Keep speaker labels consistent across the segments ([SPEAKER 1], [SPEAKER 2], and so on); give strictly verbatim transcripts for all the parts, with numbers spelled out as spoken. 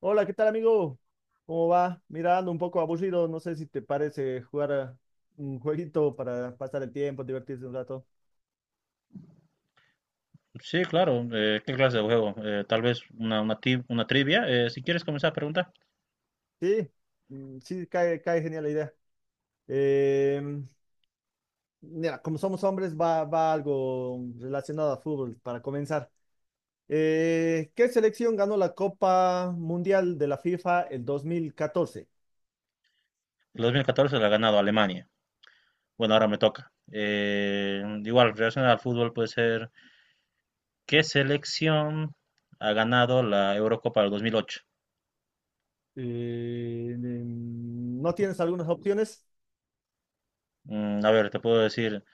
[SPEAKER 1] Hola, ¿qué tal, amigo? ¿Cómo va? Mirando un poco aburrido, no sé si te parece jugar a un jueguito para pasar el tiempo, divertirse un rato.
[SPEAKER 2] Sí, claro. Eh, ¿qué clase de juego? Eh, tal vez una, una, ti- una trivia. Eh, si quieres comenzar a preguntar.
[SPEAKER 1] Sí, mm, sí, cae, cae genial la idea. Em, Mira, como somos hombres, va, va algo relacionado a fútbol para comenzar. Eh, ¿qué selección ganó la Copa Mundial de la FIFA el dos mil catorce?
[SPEAKER 2] El dos mil catorce la ha ganado Alemania. Bueno, ahora me toca. Eh, igual, relacionado al fútbol puede ser, ¿qué selección ha ganado la Eurocopa del dos mil ocho?
[SPEAKER 1] Eh, em, ¿no tienes algunas opciones?
[SPEAKER 2] Mm, a ver, te puedo decir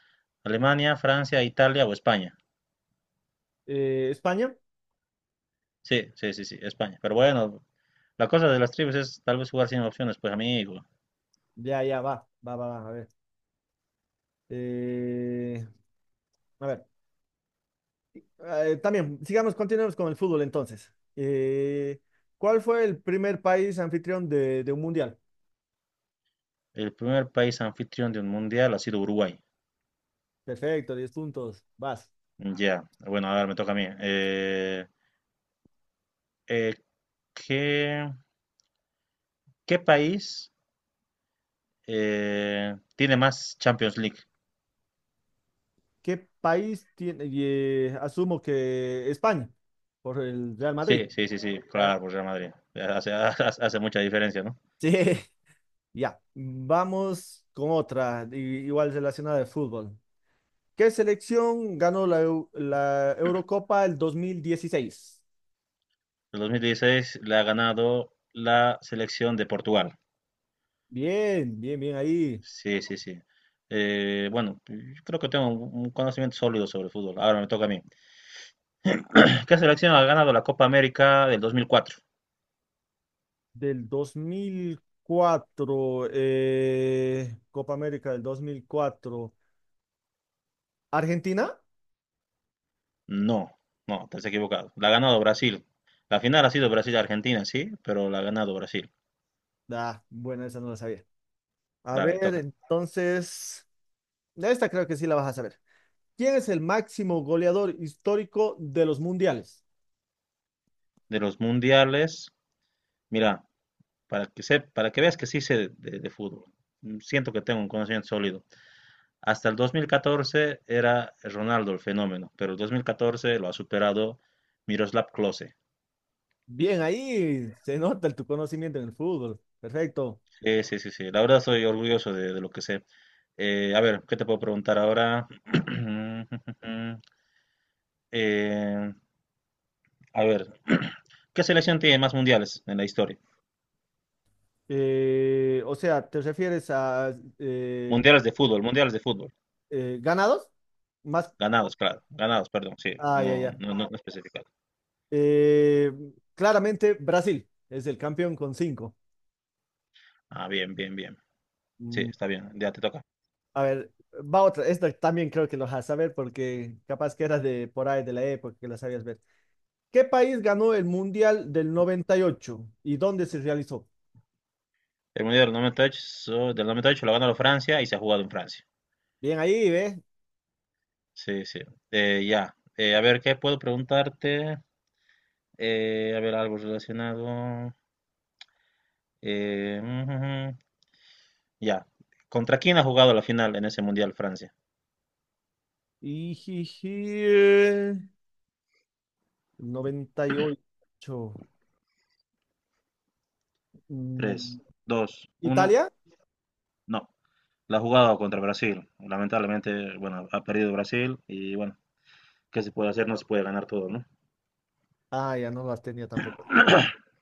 [SPEAKER 2] Alemania, Francia, Italia o España.
[SPEAKER 1] Eh, ¿España?
[SPEAKER 2] Sí, sí, sí, sí, España. Pero bueno, la cosa de las trivias es tal vez jugar sin opciones, pues amigo.
[SPEAKER 1] Ya, ya, va, va, va, va, a ver. Eh, A ver, eh, también, sigamos, continuemos con el fútbol entonces. Eh, ¿cuál fue el primer país anfitrión de, de un mundial?
[SPEAKER 2] El primer país anfitrión de un mundial ha sido Uruguay.
[SPEAKER 1] Perfecto, diez puntos, vas.
[SPEAKER 2] Ya, bueno, a ver, me toca a mí. Eh, Eh, ¿qué, ¿Qué país eh, tiene más Champions League?
[SPEAKER 1] ¿Qué país tiene? Y, eh, asumo que España, por el Real Madrid.
[SPEAKER 2] Sí, sí, sí, sí,
[SPEAKER 1] ¿Eh?
[SPEAKER 2] claro, por Real Madrid. Hace, hace- hace mucha diferencia, ¿no?
[SPEAKER 1] Sí, ya. Vamos con otra, i- igual relacionada de fútbol. ¿Qué selección ganó la, Eu- la Eurocopa el dos mil dieciséis?
[SPEAKER 2] El dos mil dieciséis la ha ganado la selección de Portugal.
[SPEAKER 1] Bien, bien, bien ahí.
[SPEAKER 2] Sí, sí, sí. Eh, bueno, yo creo que tengo un un conocimiento sólido sobre el fútbol. Ahora me toca a mí. ¿Qué selección ha ganado la Copa América del dos mil cuatro?
[SPEAKER 1] Del dos mil cuatro, eh, Copa América del dos mil cuatro. ¿Argentina?
[SPEAKER 2] No, no, te has equivocado. La ha ganado Brasil. La final ha sido Brasil-Argentina, sí, pero la ha ganado Brasil.
[SPEAKER 1] Ah, bueno, esa no la sabía. A
[SPEAKER 2] Dale, te
[SPEAKER 1] ver,
[SPEAKER 2] toca.
[SPEAKER 1] entonces, esta creo que sí la vas a saber. ¿Quién es el máximo goleador histórico de los mundiales?
[SPEAKER 2] De los mundiales. Mira, para que, se, para que veas que sí sé de, de fútbol. mm, Siento que tengo un conocimiento sólido. Hasta el dos mil catorce era Ronaldo el fenómeno, pero el dos mil catorce lo ha superado Miroslav Klose.
[SPEAKER 1] Bien, ahí se nota tu conocimiento en el fútbol. Perfecto.
[SPEAKER 2] Sí, sí, sí, sí. La verdad soy orgulloso de, de lo que sé. Eh, a ver, ¿qué te puedo preguntar ahora? Eh, a ver, ¿qué selección tiene más mundiales en la historia?
[SPEAKER 1] Eh, o sea, ¿te refieres a eh,
[SPEAKER 2] Mundiales de fútbol, mundiales de fútbol.
[SPEAKER 1] eh, ganados? Más.
[SPEAKER 2] Ganados, claro. Ganados, perdón, sí.
[SPEAKER 1] Ah, ya,
[SPEAKER 2] No,
[SPEAKER 1] ya.
[SPEAKER 2] no, no, no especificado.
[SPEAKER 1] Eh, Claramente Brasil es el campeón con cinco.
[SPEAKER 2] Ah, bien, bien, bien. Sí,
[SPEAKER 1] Mm,
[SPEAKER 2] está bien. Ya te toca.
[SPEAKER 1] A ver, va otra. Esta también creo que lo vas a saber porque capaz que eras de por ahí de la época que la sabías ver. ¿Qué país ganó el Mundial del noventa y ocho y dónde se realizó?
[SPEAKER 2] El Mundial del noventa y ocho, so- del noventa y ocho lo ganó Francia y se ha jugado en Francia.
[SPEAKER 1] Bien ahí, ¿ves?
[SPEAKER 2] Sí, sí. Eh, ya. Eh, a ver, ¿qué puedo preguntarte? Eh, a ver, algo relacionado. Eh, mm, mm, ya. ¿Contra quién ha jugado la final en ese Mundial Francia?
[SPEAKER 1] Ijiji, noventa y, jiji, eh, noventa y ocho.
[SPEAKER 2] Tres
[SPEAKER 1] Mm,
[SPEAKER 2] dos uno.
[SPEAKER 1] ¿Italia?
[SPEAKER 2] No. La ha jugado contra Brasil. Lamentablemente, bueno, ha perdido Brasil y bueno, ¿qué se puede hacer? No se puede ganar todo, ¿no?
[SPEAKER 1] Ah, ya no las tenía tampoco.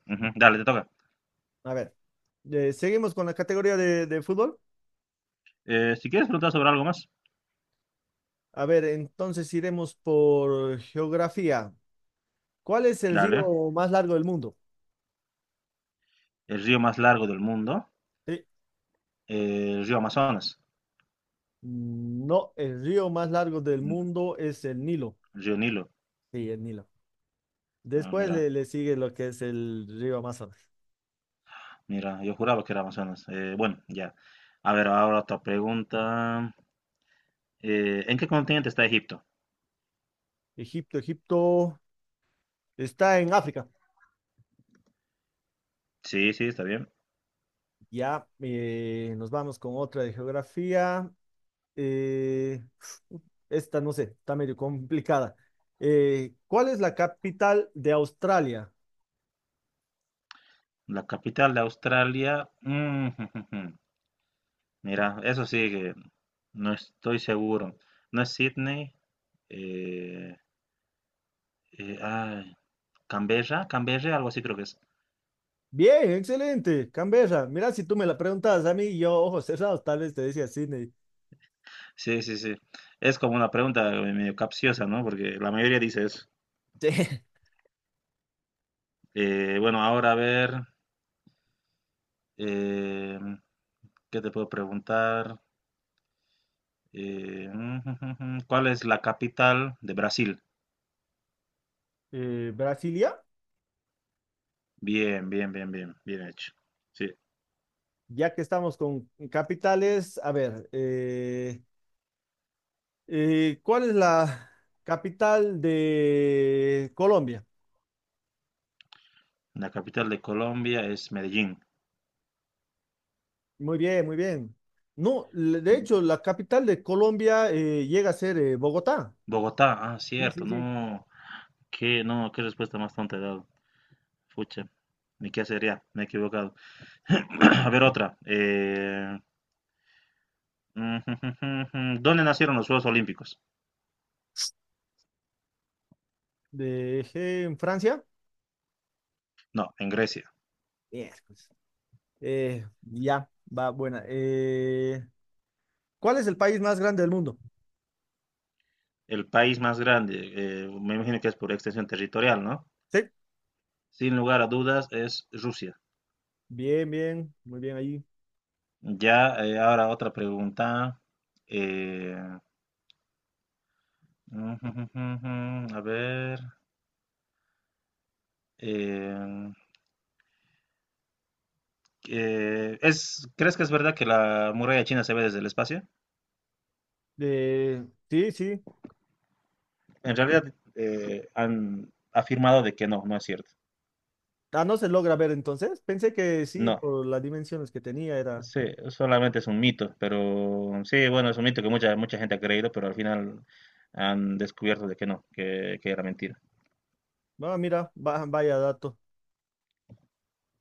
[SPEAKER 2] Ujú. Dale, te toca.
[SPEAKER 1] A ver, eh, seguimos con la categoría de de fútbol.
[SPEAKER 2] Eh, si quieres preguntar sobre algo más,
[SPEAKER 1] A ver, entonces iremos por geografía. ¿Cuál es el
[SPEAKER 2] dale.
[SPEAKER 1] río más largo del mundo?
[SPEAKER 2] El río más largo del mundo,
[SPEAKER 1] Sí.
[SPEAKER 2] eh, el río Amazonas,
[SPEAKER 1] No, el río más largo del
[SPEAKER 2] el
[SPEAKER 1] mundo es el Nilo.
[SPEAKER 2] río Nilo.
[SPEAKER 1] Sí, el Nilo.
[SPEAKER 2] Ah,
[SPEAKER 1] Después
[SPEAKER 2] mira,
[SPEAKER 1] le, le sigue lo que es el río Amazonas.
[SPEAKER 2] mira, yo juraba que era Amazonas. Eh, bueno, ya. A ver, ahora otra pregunta. Eh, ¿en qué continente está Egipto?
[SPEAKER 1] Egipto, Egipto está en África.
[SPEAKER 2] Sí, sí, está bien.
[SPEAKER 1] Ya, eh, nos vamos con otra de geografía. Eh, Esta no sé, está medio complicada. Eh, ¿cuál es la capital de Australia?
[SPEAKER 2] La capital de Australia. Mm, mira, eso sí que no estoy seguro. No es Sydney. eh, eh, ay, Canberra, Canberra, algo así creo que es.
[SPEAKER 1] Bien, excelente, Cambera. Mira, si tú me la preguntas a mí, yo, ojos cerrados, tal vez te decía Sydney.
[SPEAKER 2] Sí, sí, sí. Es como una pregunta medio capciosa, ¿no? Porque la mayoría dice eso.
[SPEAKER 1] Sí.
[SPEAKER 2] Eh, bueno, ahora a ver, eh, ¿qué te puedo preguntar? Eh, ¿Cuál es la capital de Brasil?
[SPEAKER 1] Eh, Brasilia,
[SPEAKER 2] Bien, bien, bien, bien, bien hecho. Sí,
[SPEAKER 1] ya que estamos con capitales, a ver, eh, eh, ¿cuál es la capital de Colombia?
[SPEAKER 2] la capital de Colombia es Medellín.
[SPEAKER 1] Muy bien, muy bien. No, le- de hecho, la capital de Colombia, eh, llega a ser, eh, Bogotá.
[SPEAKER 2] Bogotá, ah,
[SPEAKER 1] Sí, sí,
[SPEAKER 2] cierto,
[SPEAKER 1] sí.
[SPEAKER 2] no, qué, no, qué respuesta más tonta he dado. Fucha, ni qué sería, me he equivocado. A ver, otra. Eh, ¿dónde nacieron los Juegos Olímpicos?
[SPEAKER 1] De, eh, en Francia.
[SPEAKER 2] No, en Grecia.
[SPEAKER 1] Miércoles. Eh, ya, va, buena. Eh, ¿cuál es el país más grande del mundo?
[SPEAKER 2] El país más grande, eh, me imagino que es por extensión territorial, ¿no?
[SPEAKER 1] Sí,
[SPEAKER 2] Sin lugar a dudas es Rusia.
[SPEAKER 1] bien, bien, muy bien ahí.
[SPEAKER 2] Ya, eh, ahora otra pregunta. eh, a ver. eh, eh, es, ¿Crees que es verdad que la muralla china se ve desde el espacio?
[SPEAKER 1] Eh, sí, sí.
[SPEAKER 2] En realidad eh, han afirmado de que no, no es cierto.
[SPEAKER 1] Ah, no se logra ver entonces. Pensé que sí,
[SPEAKER 2] No,
[SPEAKER 1] por las dimensiones que tenía era.
[SPEAKER 2] sí, solamente es un mito, pero sí, bueno, es un mito que mucha, mucha gente ha creído, pero al final han descubierto de que no, que, que era mentira.
[SPEAKER 1] Ah, mira, va- vaya dato.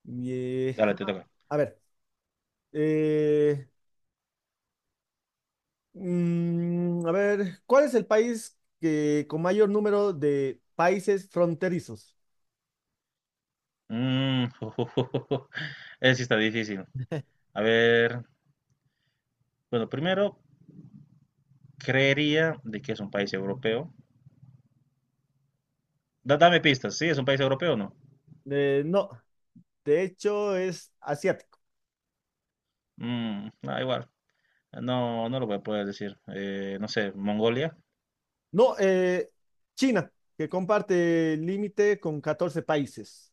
[SPEAKER 1] Y, eh,
[SPEAKER 2] Dale, te toca.
[SPEAKER 1] a ver, eh, mm, a ver, ¿cuál es el país que con mayor número de países fronterizos?
[SPEAKER 2] Mm, ese sí está difícil. A ver, bueno, primero creería de que es un país europeo. Da- dame pistas, ¿sí? ¿Es un país europeo o no?
[SPEAKER 1] Eh, no, de hecho es asiático.
[SPEAKER 2] Mm, ah, igual. No, no lo voy a poder decir. Eh, no sé, Mongolia.
[SPEAKER 1] No, eh, China, que comparte límite con catorce países.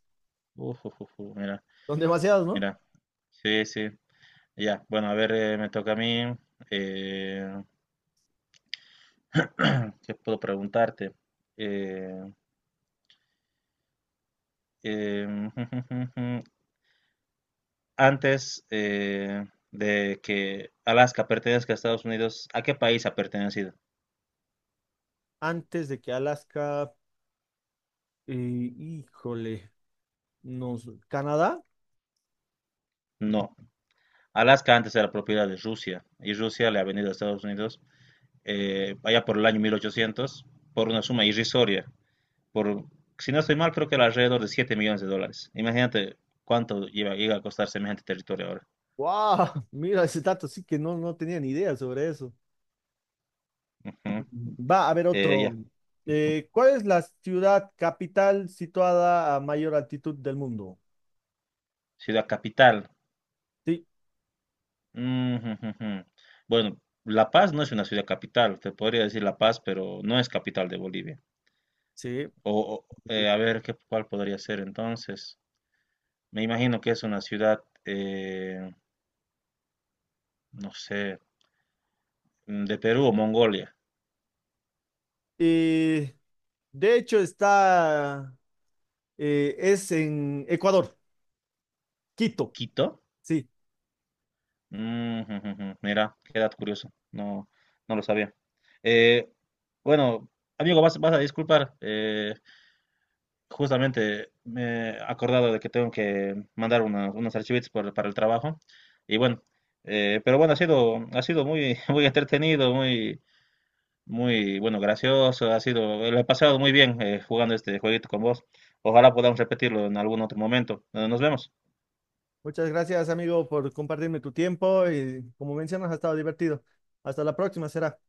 [SPEAKER 2] Uf, uf, uf, uf, mira,
[SPEAKER 1] Son demasiados, ¿no?
[SPEAKER 2] mira. Sí, sí. Ya, bueno, a ver, eh, me toca a mí. Eh, ¿Qué puedo preguntarte? Eh, em, Antes eh, de que Alaska pertenezca a Estados Unidos, ¿a qué país ha pertenecido?
[SPEAKER 1] Antes de que Alaska... Eh, híjole, nos, Canadá.
[SPEAKER 2] No. Alaska antes era propiedad de Rusia y Rusia le ha venido a Estados Unidos eh, allá por el año mil ochocientos por una suma irrisoria. Por, si no estoy mal, creo que era alrededor de siete millones de dólares. Imagínate cuánto lleva- llega a costar semejante territorio ahora.
[SPEAKER 1] ¡Wow! Mira ese dato, sí que no, no tenía ni idea sobre eso.
[SPEAKER 2] Ujú.
[SPEAKER 1] Va a haber
[SPEAKER 2] Eh,
[SPEAKER 1] otro.
[SPEAKER 2] ya.
[SPEAKER 1] Eh, ¿cuál es la ciudad capital situada a mayor altitud del mundo?
[SPEAKER 2] Ciudad capital.
[SPEAKER 1] Sí,
[SPEAKER 2] Mm, jum, jum, jum. Bueno, La Paz no es una ciudad capital, te podría decir La Paz, pero no es capital de Bolivia.
[SPEAKER 1] sí,
[SPEAKER 2] O, o,
[SPEAKER 1] bien.
[SPEAKER 2] eh, a ver, ¿qué, ¿cuál podría ser entonces? Me imagino que es una ciudad, eh, no sé, mm, de Perú o Mongolia.
[SPEAKER 1] eh, de hecho está, eh, es en Ecuador, Quito.
[SPEAKER 2] ¿Quito?
[SPEAKER 1] Sí,
[SPEAKER 2] Mm, jum, jum, jum. Mira, qué dato curioso, no, no lo sabía. Eh, bueno, amigo, vas, vas a disculpar, eh, justamente me he acordado de que tengo que mandar una- unos archivitos por- para el trabajo. Y bueno, eh, pero bueno, ha sido, ha sido muy, muy entretenido, muy, muy, bueno, gracioso. Ha sido, lo he pasado muy bien eh, jugando este jueguito con vos. Ojalá podamos repetirlo en algún otro momento. Eh, Nos vemos.
[SPEAKER 1] muchas gracias, amigo, por compartirme tu tiempo, y como mencionas, ha estado divertido. Hasta la próxima será.